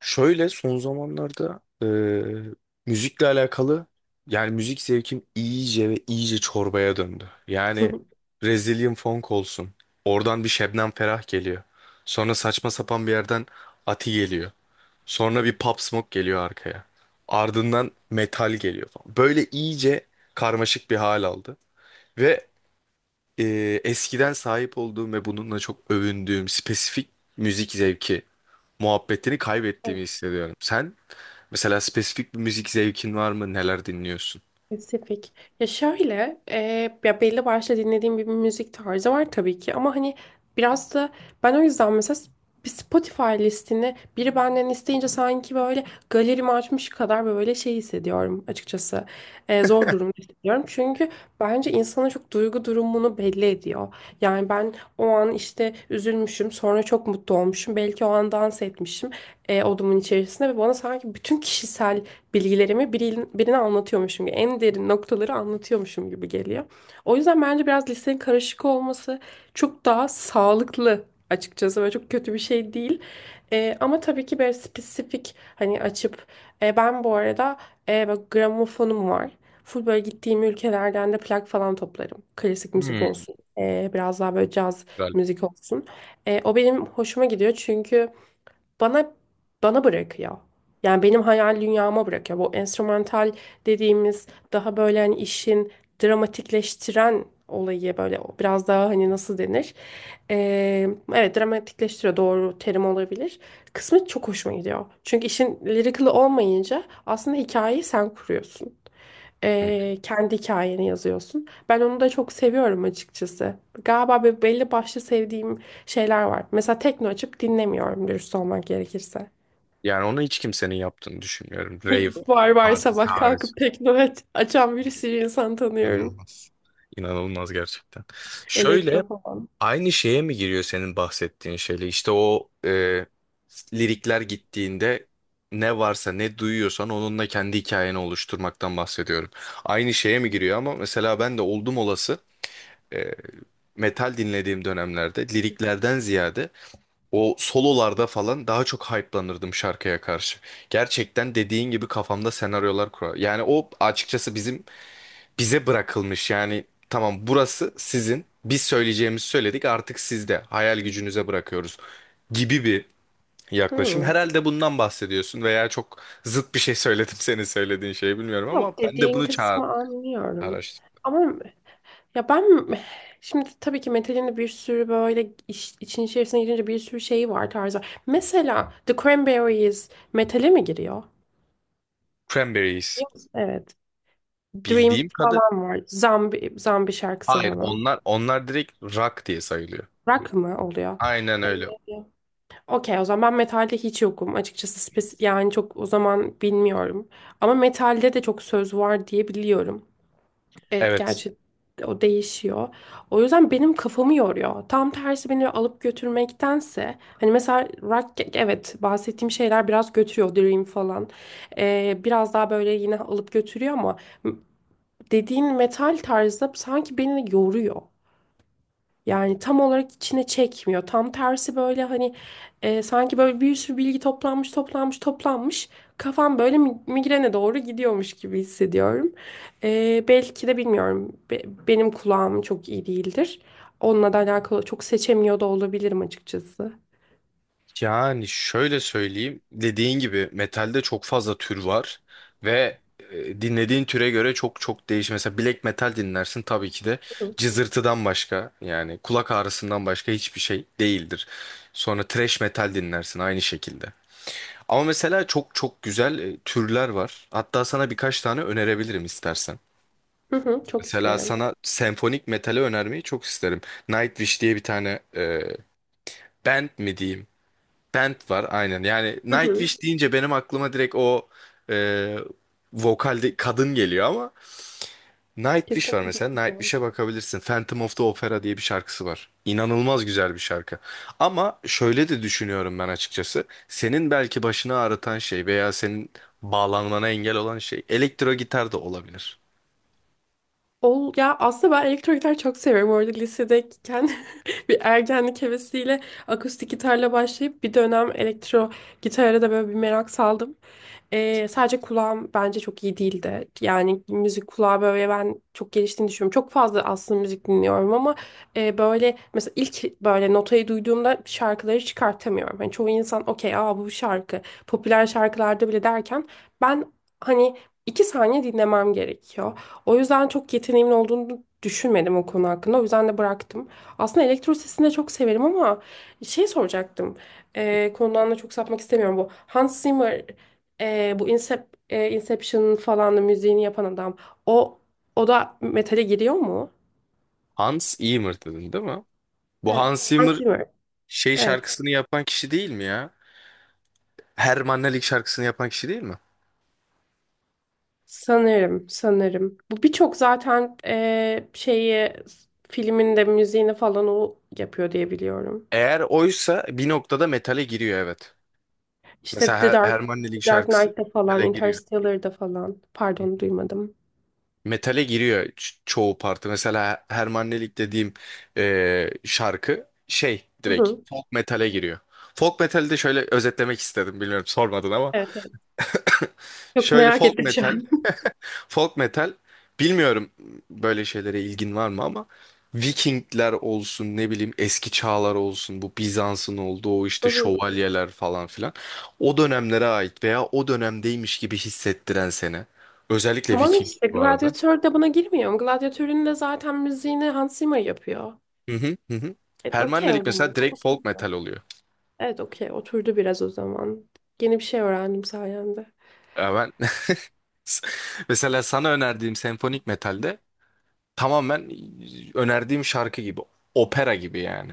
Şöyle son zamanlarda müzikle alakalı yani müzik zevkim iyice ve iyice çorbaya döndü. Yani Brazilian funk olsun. Oradan bir Şebnem Ferah geliyor. Sonra saçma sapan bir yerden Ati geliyor. Sonra bir Pop Smoke geliyor arkaya. Ardından metal geliyor falan. Böyle iyice karmaşık bir hal aldı. Ve e, eskiden sahip olduğum ve bununla çok övündüğüm spesifik müzik zevki muhabbetini Evet, kaybettiğimi hissediyorum. Sen? Mesela spesifik bir müzik zevkin var mı? Neler dinliyorsun? spesifik. Ya şöyle, ya belli başlı dinlediğim bir müzik tarzı var tabii ki ama hani biraz da ben o yüzden mesela bir Spotify listini biri benden isteyince sanki böyle galerimi açmış kadar böyle şey hissediyorum açıkçası. Zor durumda hissediyorum. Çünkü bence insanın çok duygu durumunu belli ediyor. Yani ben o an işte üzülmüşüm, sonra çok mutlu olmuşum. Belki o an dans etmişim odamın içerisinde ve bana sanki bütün bilgilerimi birine anlatıyormuşum gibi, en derin noktaları anlatıyormuşum gibi geliyor. O yüzden bence biraz lisenin karışık olması çok daha sağlıklı açıkçası ve çok kötü bir şey değil. Ama tabii ki böyle spesifik hani açıp ben bu arada böyle gramofonum var. Full böyle gittiğim ülkelerden de plak falan toplarım. Klasik müzik Hmm, olsun. Biraz daha böyle caz güzel. müzik olsun. O benim hoşuma gidiyor çünkü bana bana bırakıyor. Yani benim hayal dünyama bırakıyor. Bu enstrümantal dediğimiz daha böyle hani işin dramatikleştiren olayı böyle biraz daha hani nasıl denir? Ee, evet, dramatikleştiriyor doğru terim olabilir. Kısmı çok hoşuma gidiyor. Çünkü işin lirikli olmayınca aslında hikayeyi sen kuruyorsun. Hı. Kendi hikayeni yazıyorsun. Ben onu da çok seviyorum açıkçası. Galiba belli başlı sevdiğim şeyler var. Mesela tekno açıp dinlemiyorum dürüst olmak gerekirse. Yani onu hiç kimsenin yaptığını düşünmüyorum. Hep Rave var var partisi sabah hariç. kalkıp tekno açan bir sürü insan tanıyorum. İnanılmaz. İnanılmaz gerçekten. Elektro Şöyle falan. aynı şeye mi giriyor senin bahsettiğin şeyle? İşte o lirikler gittiğinde ne varsa ne duyuyorsan onunla kendi hikayeni oluşturmaktan bahsediyorum. Aynı şeye mi giriyor ama mesela ben de oldum olası e, metal dinlediğim dönemlerde liriklerden ziyade o sololarda falan daha çok hype'lanırdım şarkıya karşı. Gerçekten dediğin gibi kafamda senaryolar kurar. Yani o açıkçası bizim bize bırakılmış. Yani tamam burası sizin. Biz söyleyeceğimizi söyledik artık sizde. Hayal gücünüze bırakıyoruz gibi bir yaklaşım. Hmm. Herhalde bundan bahsediyorsun veya çok zıt bir şey söyledim senin söylediğin şeyi bilmiyorum ama Yok, ben de dediğin bunu çağır kısmı anlıyorum. araştırdım. Ama ya ben şimdi tabii ki metalin de bir sürü böyle için içerisine girince bir sürü şeyi var tarzı. Mesela The Cranberries metale mi giriyor? Cranberries. Yok. Evet. Dream Bildiğim kadı. falan var. Zambi şarkısı Hayır falan. onlar direkt rock diye sayılıyor. Rock mı oluyor? Aynen Ee, öyle. Okey, o zaman ben metalde hiç yokum. Açıkçası yani çok, o zaman bilmiyorum. Ama metalde de çok söz var diye biliyorum. Evet, Evet. gerçi o değişiyor. O yüzden benim kafamı yoruyor. Tam tersi beni alıp götürmektense hani mesela rock, evet bahsettiğim şeyler biraz götürüyor, Dream falan. Biraz daha böyle yine alıp götürüyor ama dediğin metal tarzı sanki beni yoruyor. Yani tam olarak içine çekmiyor. Tam tersi böyle hani sanki böyle bir sürü bilgi toplanmış, toplanmış, toplanmış. Kafam böyle migrene doğru gidiyormuş gibi hissediyorum. Belki de bilmiyorum. Benim kulağım çok iyi değildir. Onunla da alakalı çok seçemiyor da olabilirim açıkçası. Yani şöyle söyleyeyim, dediğin gibi metalde çok fazla tür var ve dinlediğin türe göre çok çok değişir. Mesela black metal dinlersin tabii ki de cızırtıdan başka yani kulak ağrısından başka hiçbir şey değildir. Sonra thrash metal dinlersin aynı şekilde. Ama mesela çok çok güzel türler var. Hatta sana birkaç tane önerebilirim istersen. Hı hı, çok Mesela isterim. sana senfonik metali önermeyi çok isterim. Nightwish diye bir tane band mi diyeyim? Band var aynen. Yani Hı hı. Nightwish deyince benim aklıma direkt o e, vokalde kadın geliyor ama Nightwish var Kesinlikle mesela. bakacağım. Nightwish'e bakabilirsin. Phantom of the Opera diye bir şarkısı var. İnanılmaz güzel bir şarkı. Ama şöyle de düşünüyorum ben açıkçası. Senin belki başını ağrıtan şey veya senin bağlanmana engel olan şey elektro gitar da olabilir. Ya aslında ben elektro gitar çok seviyorum. Orada lisedeyken bir ergenlik hevesiyle akustik gitarla başlayıp bir dönem elektro gitara da böyle bir merak saldım. Sadece kulağım bence çok iyi değildi. Yani müzik kulağı böyle ben çok geliştiğini düşünüyorum. Çok fazla aslında müzik dinliyorum ama böyle mesela ilk böyle notayı duyduğumda şarkıları çıkartamıyorum. Hani çoğu insan okey, aa bu şarkı popüler şarkılarda bile derken ben hani iki saniye dinlemem gerekiyor. O yüzden çok yeteneğimin olduğunu düşünmedim o konu hakkında. O yüzden de bıraktım. Aslında elektro sesini de çok severim ama şey soracaktım. Konudan da çok sapmak istemiyorum. Bu Hans Zimmer, e, bu Incep, Inception falan da müziğini yapan adam. O o da metale giriyor mu? Hans Zimmer dedin değil mi? Bu Evet. Hans Hans Zimmer Zimmer. şey Evet. şarkısını yapan kişi değil mi ya? Hermann Ellik şarkısını yapan kişi değil mi? Sanırım, sanırım. Bu birçok zaten şeyi filminde müziğini falan o yapıyor diye biliyorum. Eğer oysa bir noktada metale giriyor evet. İşte Mesela Her Hermannelik The Dark şarkısı Knight'da falan, metale giriyor. Interstellar'da falan. Pardon, duymadım. Metale giriyor çoğu parti. Mesela Hermannelik dediğim şarkı şey Hı direkt hı. folk metale giriyor. Folk metali de şöyle özetlemek istedim. Bilmiyorum sormadın ama. Evet, evet. Çok Şöyle merak folk ettim şu metal an. Folk metal bilmiyorum böyle şeylere ilgin var mı ama Vikingler olsun ne bileyim eski çağlar olsun bu Bizans'ın olduğu o Hı işte hı. şövalyeler falan filan o dönemlere ait veya o dönemdeymiş gibi hissettiren seni. Özellikle Tamam, Viking işte bu arada. Gladiator da buna girmiyor mu? Gladiator'un da zaten müziğini Hans Zimmer yapıyor. Hı hı hı hı. Evet, okey o Hermannelik zaman. mesela direkt folk Oturdu. metal oluyor. Evet, okey. Oturdu biraz o zaman. Yeni bir şey öğrendim sayende. Ya ben mesela sana önerdiğim senfonik metalde tamamen önerdiğim şarkı gibi opera gibi yani.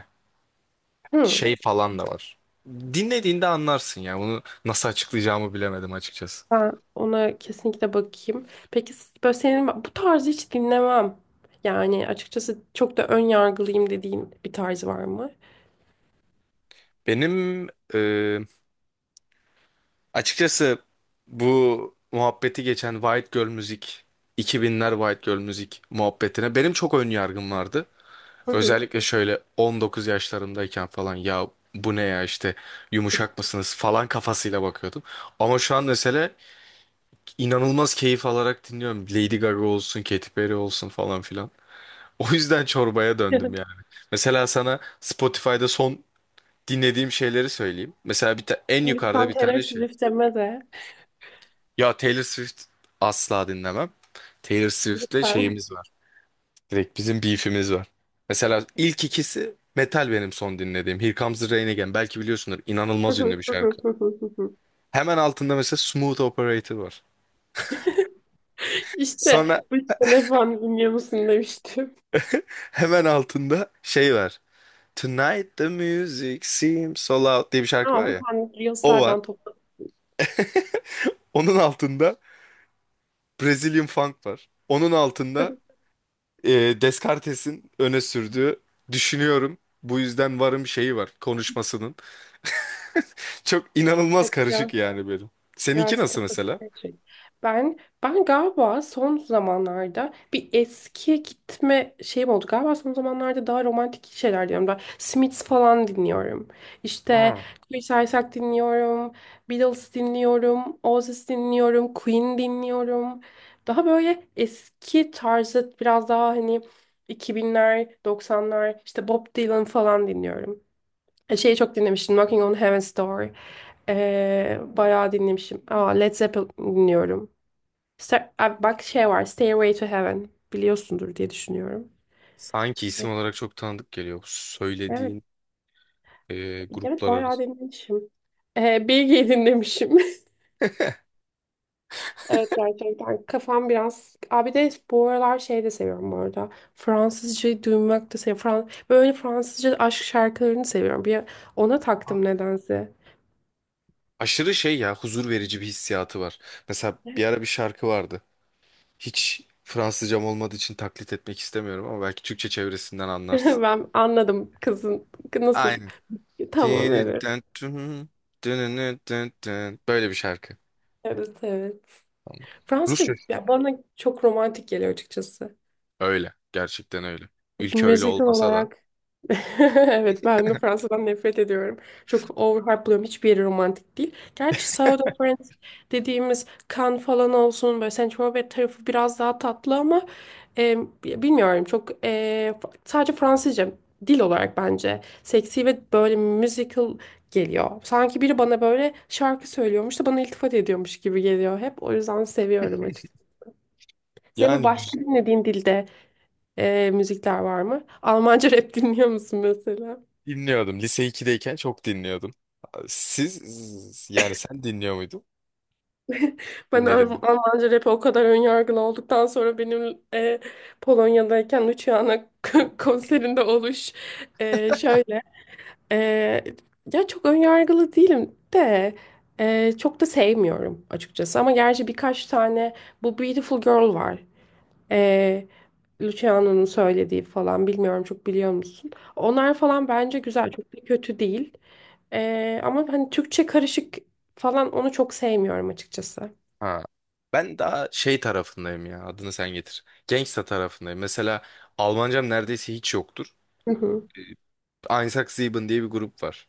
Hı. Şey falan da var. Dinlediğinde anlarsın ya. Bunu nasıl açıklayacağımı bilemedim açıkçası. Ben ona kesinlikle bakayım. Peki böyle senin bu tarzı hiç dinlemem, yani açıkçası çok da ön yargılıyım dediğin bir tarz var mı? Benim e, açıkçası bu muhabbeti geçen White Girl müzik, 2000'ler White Girl müzik muhabbetine benim çok ön yargım vardı. Hı hı. Özellikle şöyle 19 yaşlarımdayken falan ya bu ne ya işte yumuşak mısınız falan kafasıyla bakıyordum. Ama şu an mesela inanılmaz keyif alarak dinliyorum. Lady Gaga olsun, Katy Perry olsun falan filan. O yüzden çorbaya döndüm yani. Mesela sana Spotify'da son dinlediğim şeyleri söyleyeyim. Mesela en yukarıda Lütfen bir Taylor tane şey. Swift deme de. Ya Taylor Swift asla dinlemem. Taylor Swift'le Lütfen. şeyimiz var. Direkt bizim beef'imiz var. Mesela ilk ikisi metal benim son dinlediğim. Here Comes the Rain Again. Belki biliyorsundur. İnanılmaz ünlü bir şarkı. Hemen altında mesela Smooth Operator var. İşte Sonra bu sene falan dinliyor musun demiştim. hemen altında şey var. Tonight the music seems so loud diye bir şarkı Ama var ya. sen O var. Reels'lerden topladın. Onun altında Brazilian Funk var. Onun altında Descartes'in öne sürdüğü düşünüyorum bu yüzden varım şeyi var konuşmasının. Çok inanılmaz Evet ya. karışık yani benim. Seninki Biraz nasıl kafası mesela? karışık. Ben ben galiba son zamanlarda bir eskiye gitme şeyim oldu. Galiba son zamanlarda daha romantik şeyler diyorum. Ben Smiths falan dinliyorum. İşte Aa. Chris Isaak dinliyorum. Beatles dinliyorum. Oasis dinliyorum. Queen dinliyorum. Daha böyle eski tarzı biraz daha hani 2000'ler, 90'lar işte Bob Dylan falan dinliyorum. Şeyi çok dinlemiştim. Knocking on Heaven's Door. Bayağı dinlemişim. Aa, Led Zeppelin dinliyorum. Aa, bak şey var. Stairway to Heaven. Biliyorsundur diye düşünüyorum. Sanki E, isim olarak çok tanıdık geliyor bu Evet. söylediğin Evet, gruplar bayağı arası. dinlemişim. Bilge'yi dinlemişim. Evet, gerçekten kafam biraz... Abi de bu aralar şey de seviyorum bu arada. Fransızca duymak da seviyorum. Böyle Fransızca aşk şarkılarını seviyorum. Bir ona taktım nedense. Aşırı şey ya huzur verici bir hissiyatı var. Mesela bir ara bir şarkı vardı. Hiç Fransızcam olmadığı için taklit etmek istemiyorum ama belki Türkçe çevresinden anlarsın. Ben anladım kızın nasıl. Aynen. Tamam, Böyle evet. bir şarkı. Evet, evet. Tamam. Rusça. Fransızca ya bana çok romantik geliyor açıkçası. Öyle. Gerçekten öyle. Ülke öyle Müzikal olmasa da. olarak evet, ben de Fransa'dan nefret ediyorum. Çok overhype buluyorum. Hiçbir yeri romantik değil. Gerçi South of France dediğimiz Cannes falan olsun, böyle Saint Tropez tarafı biraz daha tatlı ama e, bilmiyorum, çok sadece Fransızca dil olarak bence seksi ve böyle musical geliyor. Sanki biri bana böyle şarkı söylüyormuş da bana iltifat ediyormuş gibi geliyor hep. O yüzden seviyorum açıkçası. Senin böyle Yani başka dinlediğin dilde müzikler var mı? Almanca rap dinliyor musun mesela? dinliyordum. Lise iki'deyken çok dinliyordum. Siz yani sen dinliyor muydun? Ben Dinledim mi? Almanca rap'e o kadar önyargılı olduktan sonra benim Polonya'dayken Luciana konserinde şöyle e, ya çok önyargılı değilim de çok da sevmiyorum açıkçası ama gerçi birkaç tane bu Beautiful Girl var. E, Luciano'nun söylediği falan bilmiyorum, çok biliyor musun? Onlar falan bence güzel, çok da kötü değil. Ama hani Türkçe karışık falan, onu çok sevmiyorum açıkçası. Ha. Ben daha şey tarafındayım ya. Adını sen getir. Gangsta tarafındayım. Mesela Almancam neredeyse hiç yoktur. Hı hı. Einsatzleben diye bir grup var.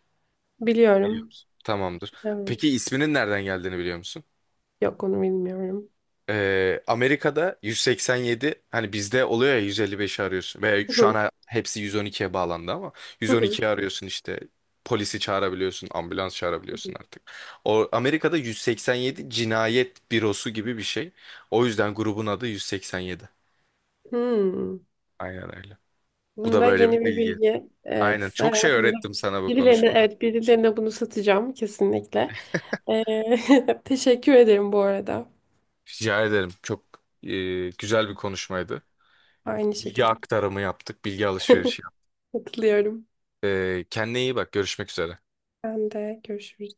Biliyor Biliyorum. musun? Tamamdır. Evet. Peki isminin nereden geldiğini biliyor musun? Yok, onu bilmiyorum. Amerika'da 187 hani bizde oluyor ya 155'i arıyorsun ve Hı şu hı. an hepsi 112'ye bağlandı ama Hı hı. 112'yi arıyorsun işte polisi çağırabiliyorsun ambulans çağırabiliyorsun artık. O Amerika'da 187 cinayet bürosu gibi bir şey. O yüzden grubun adı 187. Hmm. Aynen öyle. Bu da Bunda böyle yeni bir bir bilgi. bilgi. Aynen Evet, çok şey hayatımda öğrettim sana bu birilerine, konuşmada. evet, birilerine bunu satacağım kesinlikle. Teşekkür ederim bu arada. Rica ederim. Çok güzel bir konuşmaydı. Aynı Bilgi şekilde. aktarımı yaptık, bilgi alışverişi yaptık. Katılıyorum. Kendine iyi bak. Görüşmek üzere. Ben de görüşürüz.